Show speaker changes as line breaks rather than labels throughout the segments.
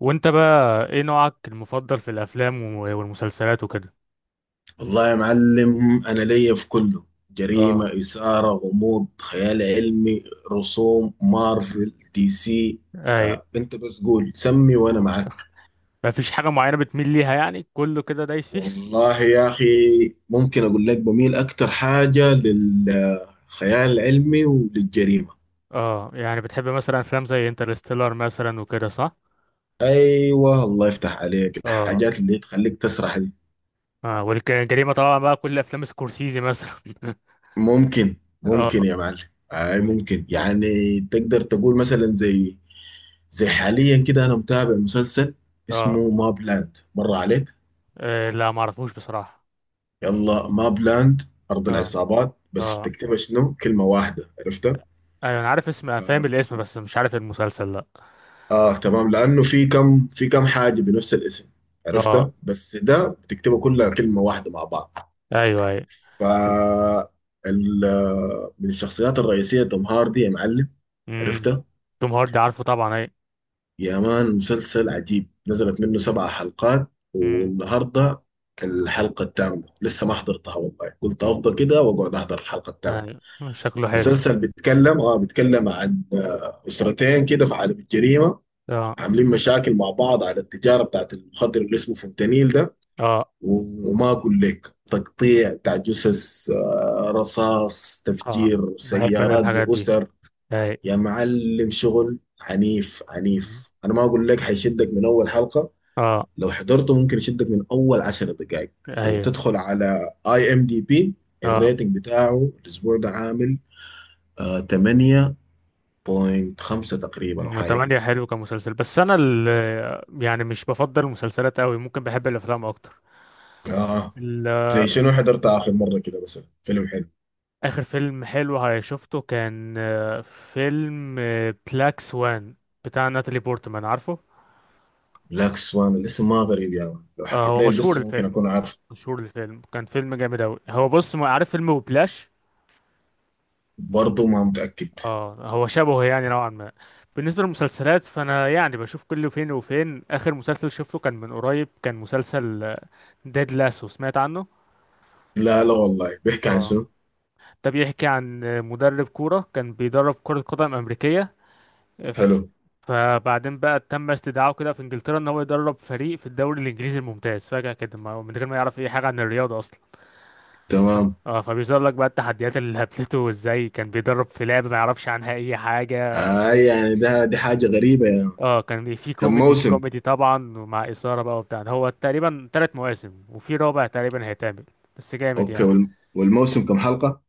وانت بقى ايه نوعك المفضل في الافلام والمسلسلات وكده.
والله يا معلم، أنا ليا في كله.
اه،
جريمة، إثارة، غموض، خيال علمي، رسوم، مارفل، دي سي.
اي.
أنت بس قول سمي وأنا معك.
مفيش حاجه معينه بتميل ليها، يعني كله كده دايس فيه.
والله يا أخي، ممكن أقول لك بميل أكتر حاجة للخيال العلمي وللجريمة.
اه، يعني بتحب مثلا افلام زي انترستيلر مثلا وكده، صح؟
أيوة، الله يفتح عليك.
اه.
الحاجات اللي تخليك تسرح دي.
اه، والجريمه طبعا بقى، كل افلام سكورسيزي مثلا.
ممكن
اه.
ممكن يا معلم. ممكن، يعني تقدر تقول مثلا زي حاليا كده انا متابع مسلسل
اه،
اسمه ماب لاند، مر عليك؟
آه، لا، ما اعرفوش بصراحه.
يلا، ماب لاند، ارض
اه.
العصابات، بس
اه،
بتكتبها شنو؟ كلمه واحده، عرفتها؟
ايوه انا عارف اسم، فاهم الاسم، بس مش عارف المسلسل، لا.
اه تمام، لانه في كم حاجه بنفس الاسم.
اه.
عرفتها؟ بس ده بتكتبها كلها كلمه واحده مع بعض.
ايوه ايوه.
ف من الشخصيات الرئيسيه توم هاردي يا معلم.
امم.
عرفتها؟
توم هاردي عارفه طبعا، اي.
يا مان، مسلسل عجيب، نزلت منه 7 حلقات.
امم.
والنهارده الحلقة التامة لسه ما حضرتها والله، قلت أفضل كده وأقعد أحضر الحلقة التامة.
ايوه، شكله حلو.
مسلسل بيتكلم عن أسرتين كده في عالم الجريمة.
اه.
عاملين مشاكل مع بعض على التجارة بتاعت المخدر اللي اسمه فنتانيل ده.
اه.
و- وما أقول لك، تقطيع بتاع جثث، رصاص،
اه،
تفجير
بحب انا
سيارات
الحاجات دي.
بأسر.
اي.
يا معلم شغل عنيف
مم.
عنيف، انا ما اقول لك حيشدك من اول حلقة.
اه.
لو حضرته ممكن يشدك من اول 10 دقائق.
ايوه.
وتدخل على اي ام دي بي،
اه.
الريتنج بتاعه الاسبوع ده عامل آه 8.5 تقريبا او
أم،
حاجة كده.
تمانية حلو كمسلسل، بس انا يعني مش بفضل المسلسلات قوي، ممكن بحب الافلام اكتر.
اه،
ال-
زي شنو حضرت اخر مرة كده مثلا؟ فيلم حلو.
اخر فيلم حلو شفته كان فيلم بلاك سوان، بتاع ناتالي بورتمان، عارفه.
بلاك سوان، الاسم ما غريب يا مان، لو
آه،
حكيت
هو
لي
مشهور
القصة ممكن
الفيلم.
اكون عارف.
مشهور الفيلم، كان فيلم جامد قوي. هو بص، ما عارف فيلم، وبلاش.
برضه ما متأكد.
اه، هو شبهه يعني نوعا ما. بالنسبة للمسلسلات، فأنا يعني بشوف كل فين وفين. آخر مسلسل شفته كان من قريب، كان مسلسل ديد لاسو، سمعت عنه؟
لا لا والله، بيحكي عن
اه.
شنو؟
ده بيحكي عن مدرب كورة، كان بيدرب كرة قدم أمريكية. ف-
حلو.
فبعدين بقى تم استدعائه كده في إنجلترا، إن هو يدرب فريق في الدوري الإنجليزي الممتاز، فجأة كده، من غير ما يعرف أي حاجة عن الرياضة أصلا.
تمام.
اه، فبيظهر لك بقى التحديات اللي قابلته، وازاي كان بيدرب في لعبة ما يعرفش عنها أي حاجة، فاهم.
يعني ده دي حاجة غريبة.
اه، كان في
كم
كوميدي
موسم؟
كوميدي طبعا، ومع إثارة بقى وبتاع ده. هو تقريبا تلات مواسم، وفي رابع تقريبا هيتعمل. بس جامد
اوكي،
يعني.
وال- والموسم كم حلقة؟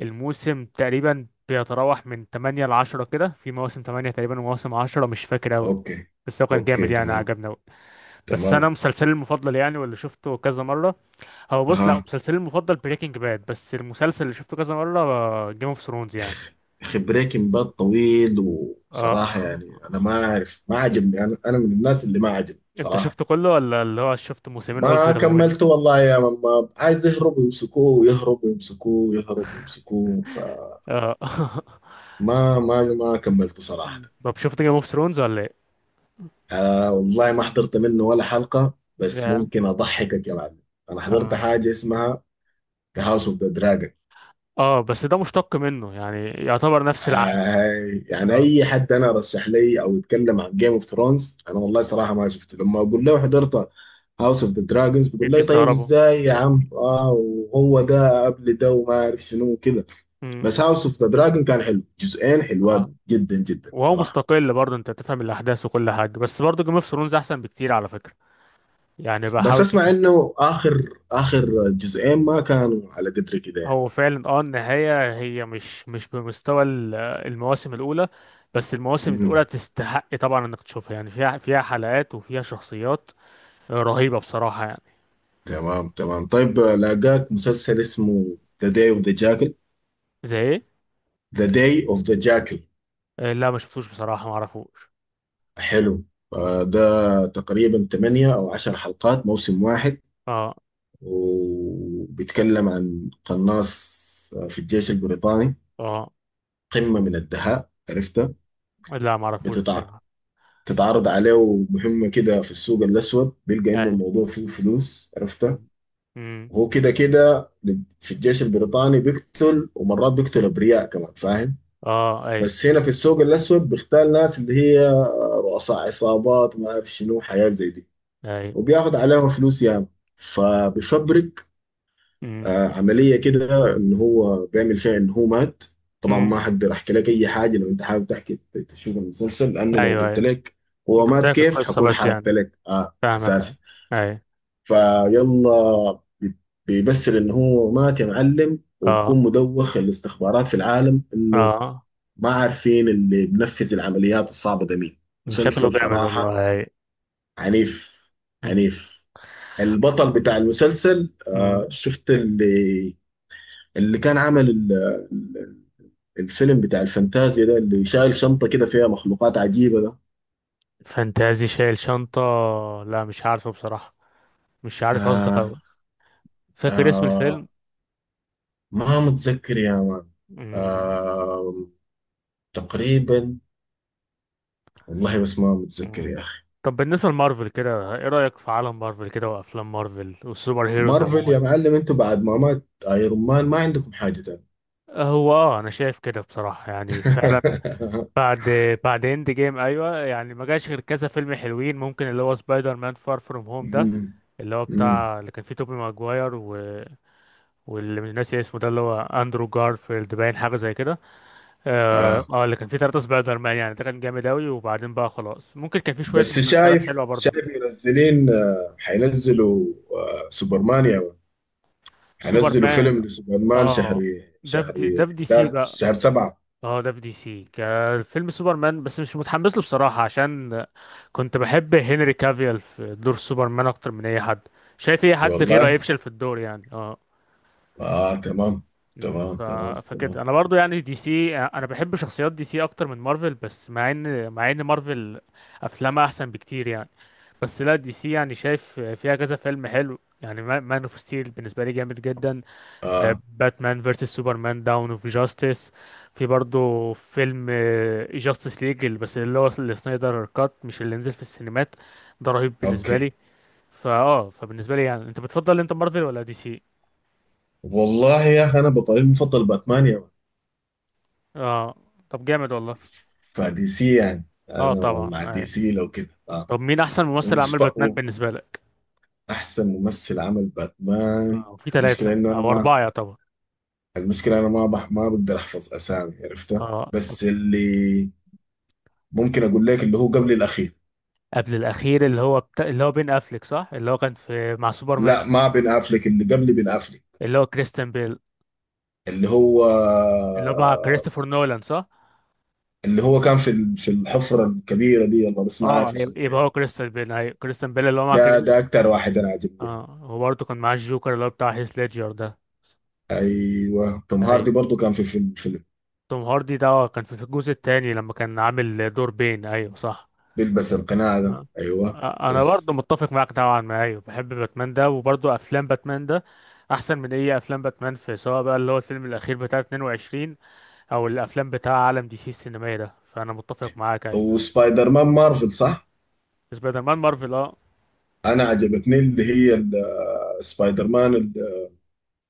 الموسم تقريبا بيتراوح من تمانية لعشرة كده. في مواسم تمانية تقريبا، ومواسم عشرة، مش فاكر أوي.
اوكي.
بس هو كان
اوكي
جامد يعني،
تمام.
عجبنا أوي. بس أنا
تمام.
مسلسلي المفضل يعني، واللي شفته كذا مرة، هو بص، لأ،
ها؟
مسلسلي المفضل بريكنج باد، بس المسلسل اللي شفته كذا مرة جيم اوف ثرونز يعني.
اخي بريكنج باد طويل
اه.
وصراحة يعني انا ما اعرف، ما عجبني، انا من الناس اللي ما عجبني
انت
بصراحة.
شفته كله، ولا اللي هو شفت موسمين قلت
ما
ده ممل؟
كملته والله يا ماما، عايز يهرب ويمسكوه، ويهرب ويمسكوه، ويهرب ويمسكوه، فما…
اه.
ما كملته صراحة.
مم. طب شفت جيم اوف ثرونز ولا ايه؟
والله ما حضرت منه ولا حلقة، بس
يا.
ممكن اضحكك يا معلم. انا حضرت
اه.
حاجة اسمها The House of the Dragon.
اه، بس ده مشتق منه يعني، يعتبر نفس العالم.
آه يعني
اه.
اي حد انا رشح لي او يتكلم عن جيم اوف ثرونز، انا والله صراحه ما شفته، لما اقول
مم.
له حضرت هاوس اوف ذا دراجونز بيقول
اكيد
لي طيب
بيستغربوا.
ازاي يا عم؟ اه وهو ده قبل ده وما عارف شنو كده.
مم.
بس هاوس اوف ذا دراجون كان حلو، جزئين حلوات
اه،
جدا جدا
وهو
صراحه.
مستقل برضه، انت تفهم الاحداث وكل حاجه، بس برضه جيم اوف ثرونز احسن بكتير على فكره، يعني
بس
بحاول
اسمع
اشوف.
انه اخر جزئين ما كانوا على قدر كده يعني.
هو فعلا اه، النهايه هي مش بمستوى المواسم الاولى، بس المواسم الاولى
مم.
تستحق طبعا انك تشوفها، يعني فيها حلقات وفيها شخصيات رهيبه بصراحه يعني.
تمام. تمام. طيب، لاقاك مسلسل اسمه ذا داي اوف ذا جاكل.
زي ايه؟
ذا داي اوف ذا جاكل.
آه، لا، ما شفتوش بصراحه، ما اعرفوش.
حلو.
مم.
فده تقريبا 8 أو 10 حلقات، موسم واحد.
اه.
وبيتكلم عن قناص في الجيش البريطاني،
اه،
قمة من الدهاء، عرفتها؟
لا ما اعرفوش
بتتع...
بصراحة.
بتتعرض عليه مهمة كده في السوق الأسود، بيلقى إنه
اي.
الموضوع فيه فلوس، عرفتها؟
مم. مم.
وهو كده كده في الجيش البريطاني بيقتل، ومرات بيقتل أبرياء كمان، فاهم؟
اه. اي.
بس هنا في السوق الأسود بيختال ناس اللي هي رؤساء عصابات وما أعرف شنو، حياة زي دي.
اي.
وبياخد عليها فلوس يعني. فبيفبرك
مم.
عملية كده إن هو بيعمل فيها إن هو مات. طبعا ما
مم.
هقدر أحكي لك أي حاجة لو أنت حابب تشوف المسلسل، لأنه لو
ايوه.
قلت
اي.
لك هو
انت
مات
بتحكي
كيف
القصة
حكون
بس
حرقت
يعني،
لك
فاهمك.
أساسا.
اي. اي.
فيلا بيمثل إن هو مات يا معلم،
اه.
وبكون مدوخ الاستخبارات في العالم إنه
اه،
ما عارفين اللي بنفذ العمليات الصعبة ده مين.
شكله
مسلسل
جامد
صراحة
والله. اي.
عنيف
مم.
عنيف. البطل بتاع المسلسل،
مم.
شفت اللي كان عمل ال- الفيلم بتاع الفانتازيا ده اللي شايل شنطة كده فيها مخلوقات عجيبة ده؟
فانتازي، شايل شنطة؟ لا مش عارفه بصراحة. مش عارف قصدك اوي.
آه
فاكر اسم
آه
الفيلم؟
ما متذكر يا مان.
مم.
آه تقريبا. والله بس ما متذكر
مم.
يا أخي.
طب بالنسبة لمارفل كده، ايه رأيك في عالم مارفل كده وافلام مارفل والسوبر هيروز
مارفل يا
عموما؟
معلم، انتوا بعد ما مات ايرون مان ما عندكم حاجة تاني.
هو اه، انا شايف كده بصراحه يعني فعلا. بعد بعد اند جيم، ايوه يعني، ما جاش غير كذا فيلم حلوين، ممكن اللي هو سبايدر مان فار فروم هوم ده،
مم.
اللي هو
مم.
بتاع اللي كان فيه توبي ماجواير واللي مش ناسي اسمه ده، اللي هو اندرو جارفيلد، باين حاجه زي كده. اه،
آه
اللي كان فيه ثلاثه سبايدر مان يعني، ده كان جامد اوي. وبعدين بقى خلاص، ممكن كان فيه شويه
بس
مسلسلات
شايف
حلوه برضه.
شايف منزلين، حينزلوا، سوبرمان يا مان.
سوبر
حينزلوا فيلم
مان.
لسوبرمان شهر
اه. ده في
شهر
دي، ده في دي سي
11،
بقى.
شهر سبعة.
اه، ده في دي سي، كان فيلم سوبرمان بس مش متحمس له بصراحة، عشان كنت بحب هنري كافيل في دور سوبرمان اكتر من اي حد. شايف اي حد غيره
والله.
هيفشل في الدور يعني، اه.
اه تمام
مم.
تمام تمام تمام.
فكده انا برضو يعني، دي سي، انا بحب شخصيات دي سي اكتر من مارفل، بس مع ان مارفل افلامها احسن بكتير يعني. بس لا، دي سي يعني شايف فيها كذا فيلم حلو يعني. مان اوف ستيل بالنسبة لي جامد جدا.
اه
باتمان فيرسس سوبرمان داون اوف جاستس. في برضه فيلم جاستس ليج، بس اللي هو السنايدر كات، مش اللي نزل في السينمات، ده رهيب بالنسبه
اوكي.
لي. فاه، فبالنسبه لي يعني، انت بتفضل انت مارفل ولا دي سي؟
والله يا اخي، انا بطلي المفضل باتمان يا مان.
اه، طب جامد والله.
فدي سي يعني
اه
انا
طبعا،
مع دي
آه.
سي لو كده، اه.
طب مين احسن ممثل عمل باتمان
وسبقوا.
بالنسبه لك؟
احسن ممثل عمل باتمان.
اه، في
المشكله
ثلاثه
انه انا
او
ما
اربعه يعتبر.
المشكلة أنا ما بقدر أحفظ أسامي، عرفتها؟
اه. طب
بس اللي ممكن أقول لك اللي هو قبل الأخير.
قبل الاخير، اللي هو اللي هو بين افليك، صح؟ اللي هو كان في مع سوبرمان.
لا ما بن أفلك، اللي قبل بن أفلك.
اللي هو كريستيان بيل،
اللي هو
اللي هو مع كريستوفر نولان، صح؟
اللي هو كان في في الحفرة الكبيرة دي والله، بس ما
اه،
عارف اسمه
يبقى
يعني.
هو كريستال بيل. ايوه، كريستال بيل، اللي هو مع
ده
كريس.
ده أكتر واحد أنا عاجبني يعني.
اه، وبرضه كان معاه الجوكر، اللي هو بتاع هيث ليدجر ده.
أيوه، توم هاردي
ايوه،
برضو كان في فيلم
توم هاردي ده كان في الجزء الثاني، لما كان عامل دور بين، ايوه صح.
بيلبس القناع ده،
آه.
أيوه.
آه، انا برضه
بس.
متفق معاك طبعا، ما ايوه بحب باتمان ده، وبرضه افلام باتمان ده احسن من اي افلام باتمان. في سواء بقى، اللي هو الفيلم الاخير بتاع 22، او الافلام بتاع عالم دي سي السينمائي ده، فانا متفق معاك ايوه.
وسبايدر مان مارفل صح؟
سبايدر مان مارفل، اه.
أنا عجبتني اللي هي سبايدر مان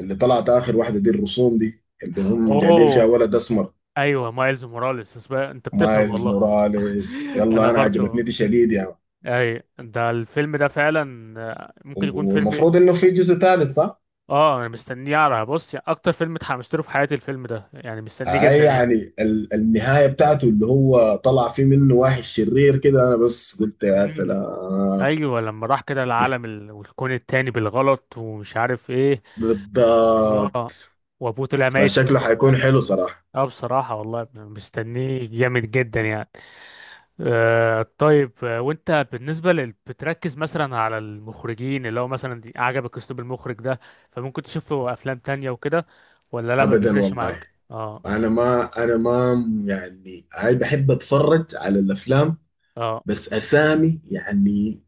اللي طلعت اخر واحده دي، الرسوم دي اللي هم جايبين فيها
اوه،
ولد اسمر.
ايوه مايلز موراليس، انت بتفهم
مايلز
والله.
موراليس،
انا
يلا انا
برضو.
عجبتني دي شديد يعني.
اي، ده الفيلم ده فعلا ممكن يكون فيلم.
والمفروض انه في جزء ثالث صح؟
اه، انا مستنيه على بص يعني، اكتر فيلم اتحمست له في حياتي الفيلم ده، يعني مستنيه
هاي
جدا يعني.
يعني النهايه بتاعته اللي هو طلع فيه منه واحد شرير كده، انا بس قلت يا
امم.
سلام.
ايوه لما راح كده العالم والكون التاني بالغلط ومش عارف ايه.
بالضبط.
اه. وابوه طلع ميت في
فشكله
الكون
حيكون
ده.
حلو صراحه.
اه بصراحه والله مستنيه جامد جدا يعني. آه طيب، وانت بالنسبة بتركز مثلا على المخرجين، اللي هو مثلا عجبك اسلوب المخرج ده، فممكن تشوف له افلام تانية وكده، ولا لا، ما
ابدا
بيفرقش
والله.
معاك؟ اه.
انا ما يعني، هاي بحب اتفرج على الافلام.
اه.
بس اسامي يعني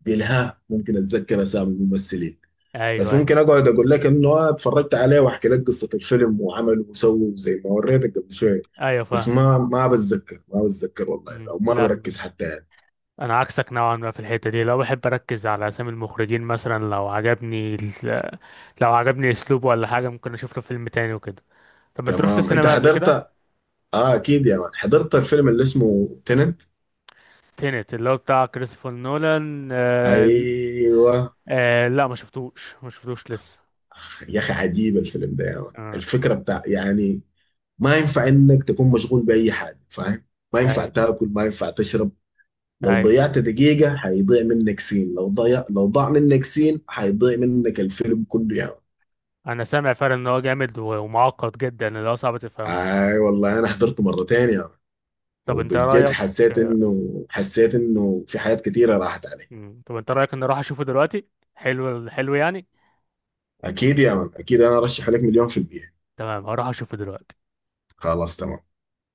بالها، ممكن اتذكر اسامي الممثلين.
ايوه
بس
ايوه.
ممكن اقعد اقول لك انه اتفرجت عليه واحكي لك قصه الفيلم وعمله وسوى زي ما وريتك قبل شويه.
ايوه
بس
فاهم.
ما بتذكر، ما بتذكر والله،
مم.
او ما
لا،
بركز حتى يعني.
انا عكسك نوعا ما في الحتة دي، لو بحب اركز على اسامي المخرجين مثلا. لو عجبني لو عجبني اسلوبه ولا حاجة، ممكن اشوف له فيلم تاني وكده. طب انت رحت
تمام. انت
السينما قبل
حضرت؟
كده؟
اه اكيد يا مان، حضرت الفيلم اللي اسمه تننت.
تينت اللي هو بتاع كريستوفر نولان، آه.
ايوه.
آه، لا ما شفتوش لسه.
أخ، يا اخي عجيب الفيلم ده يا مان،
آه.
الفكره بتاع يعني ما ينفع انك تكون مشغول باي حاجه، فاهم؟ ما ينفع
اي.
تاكل، ما ينفع تشرب. لو
اي.
ضيعت دقيقة هيضيع منك سين، لو ضاع منك سين هيضيع منك الفيلم كله يا مان.
انا سامع فعلا ان هو جامد ومعقد جدا، اللي هو صعب تفهمه.
اي والله، انا حضرته مرتين يا مان.
طب انت
وبجد
رايك؟
حسيت
آه،
انه حسيت انه في حاجات كتيرة راحت علي.
مم. طب انت رايك ان اروح اشوفه دلوقتي؟ حلو، حلو يعني.
اكيد يا مان، اكيد، انا ارشح لك 1,000,000%.
تمام، هروح اشوفه دلوقتي.
خلاص تمام.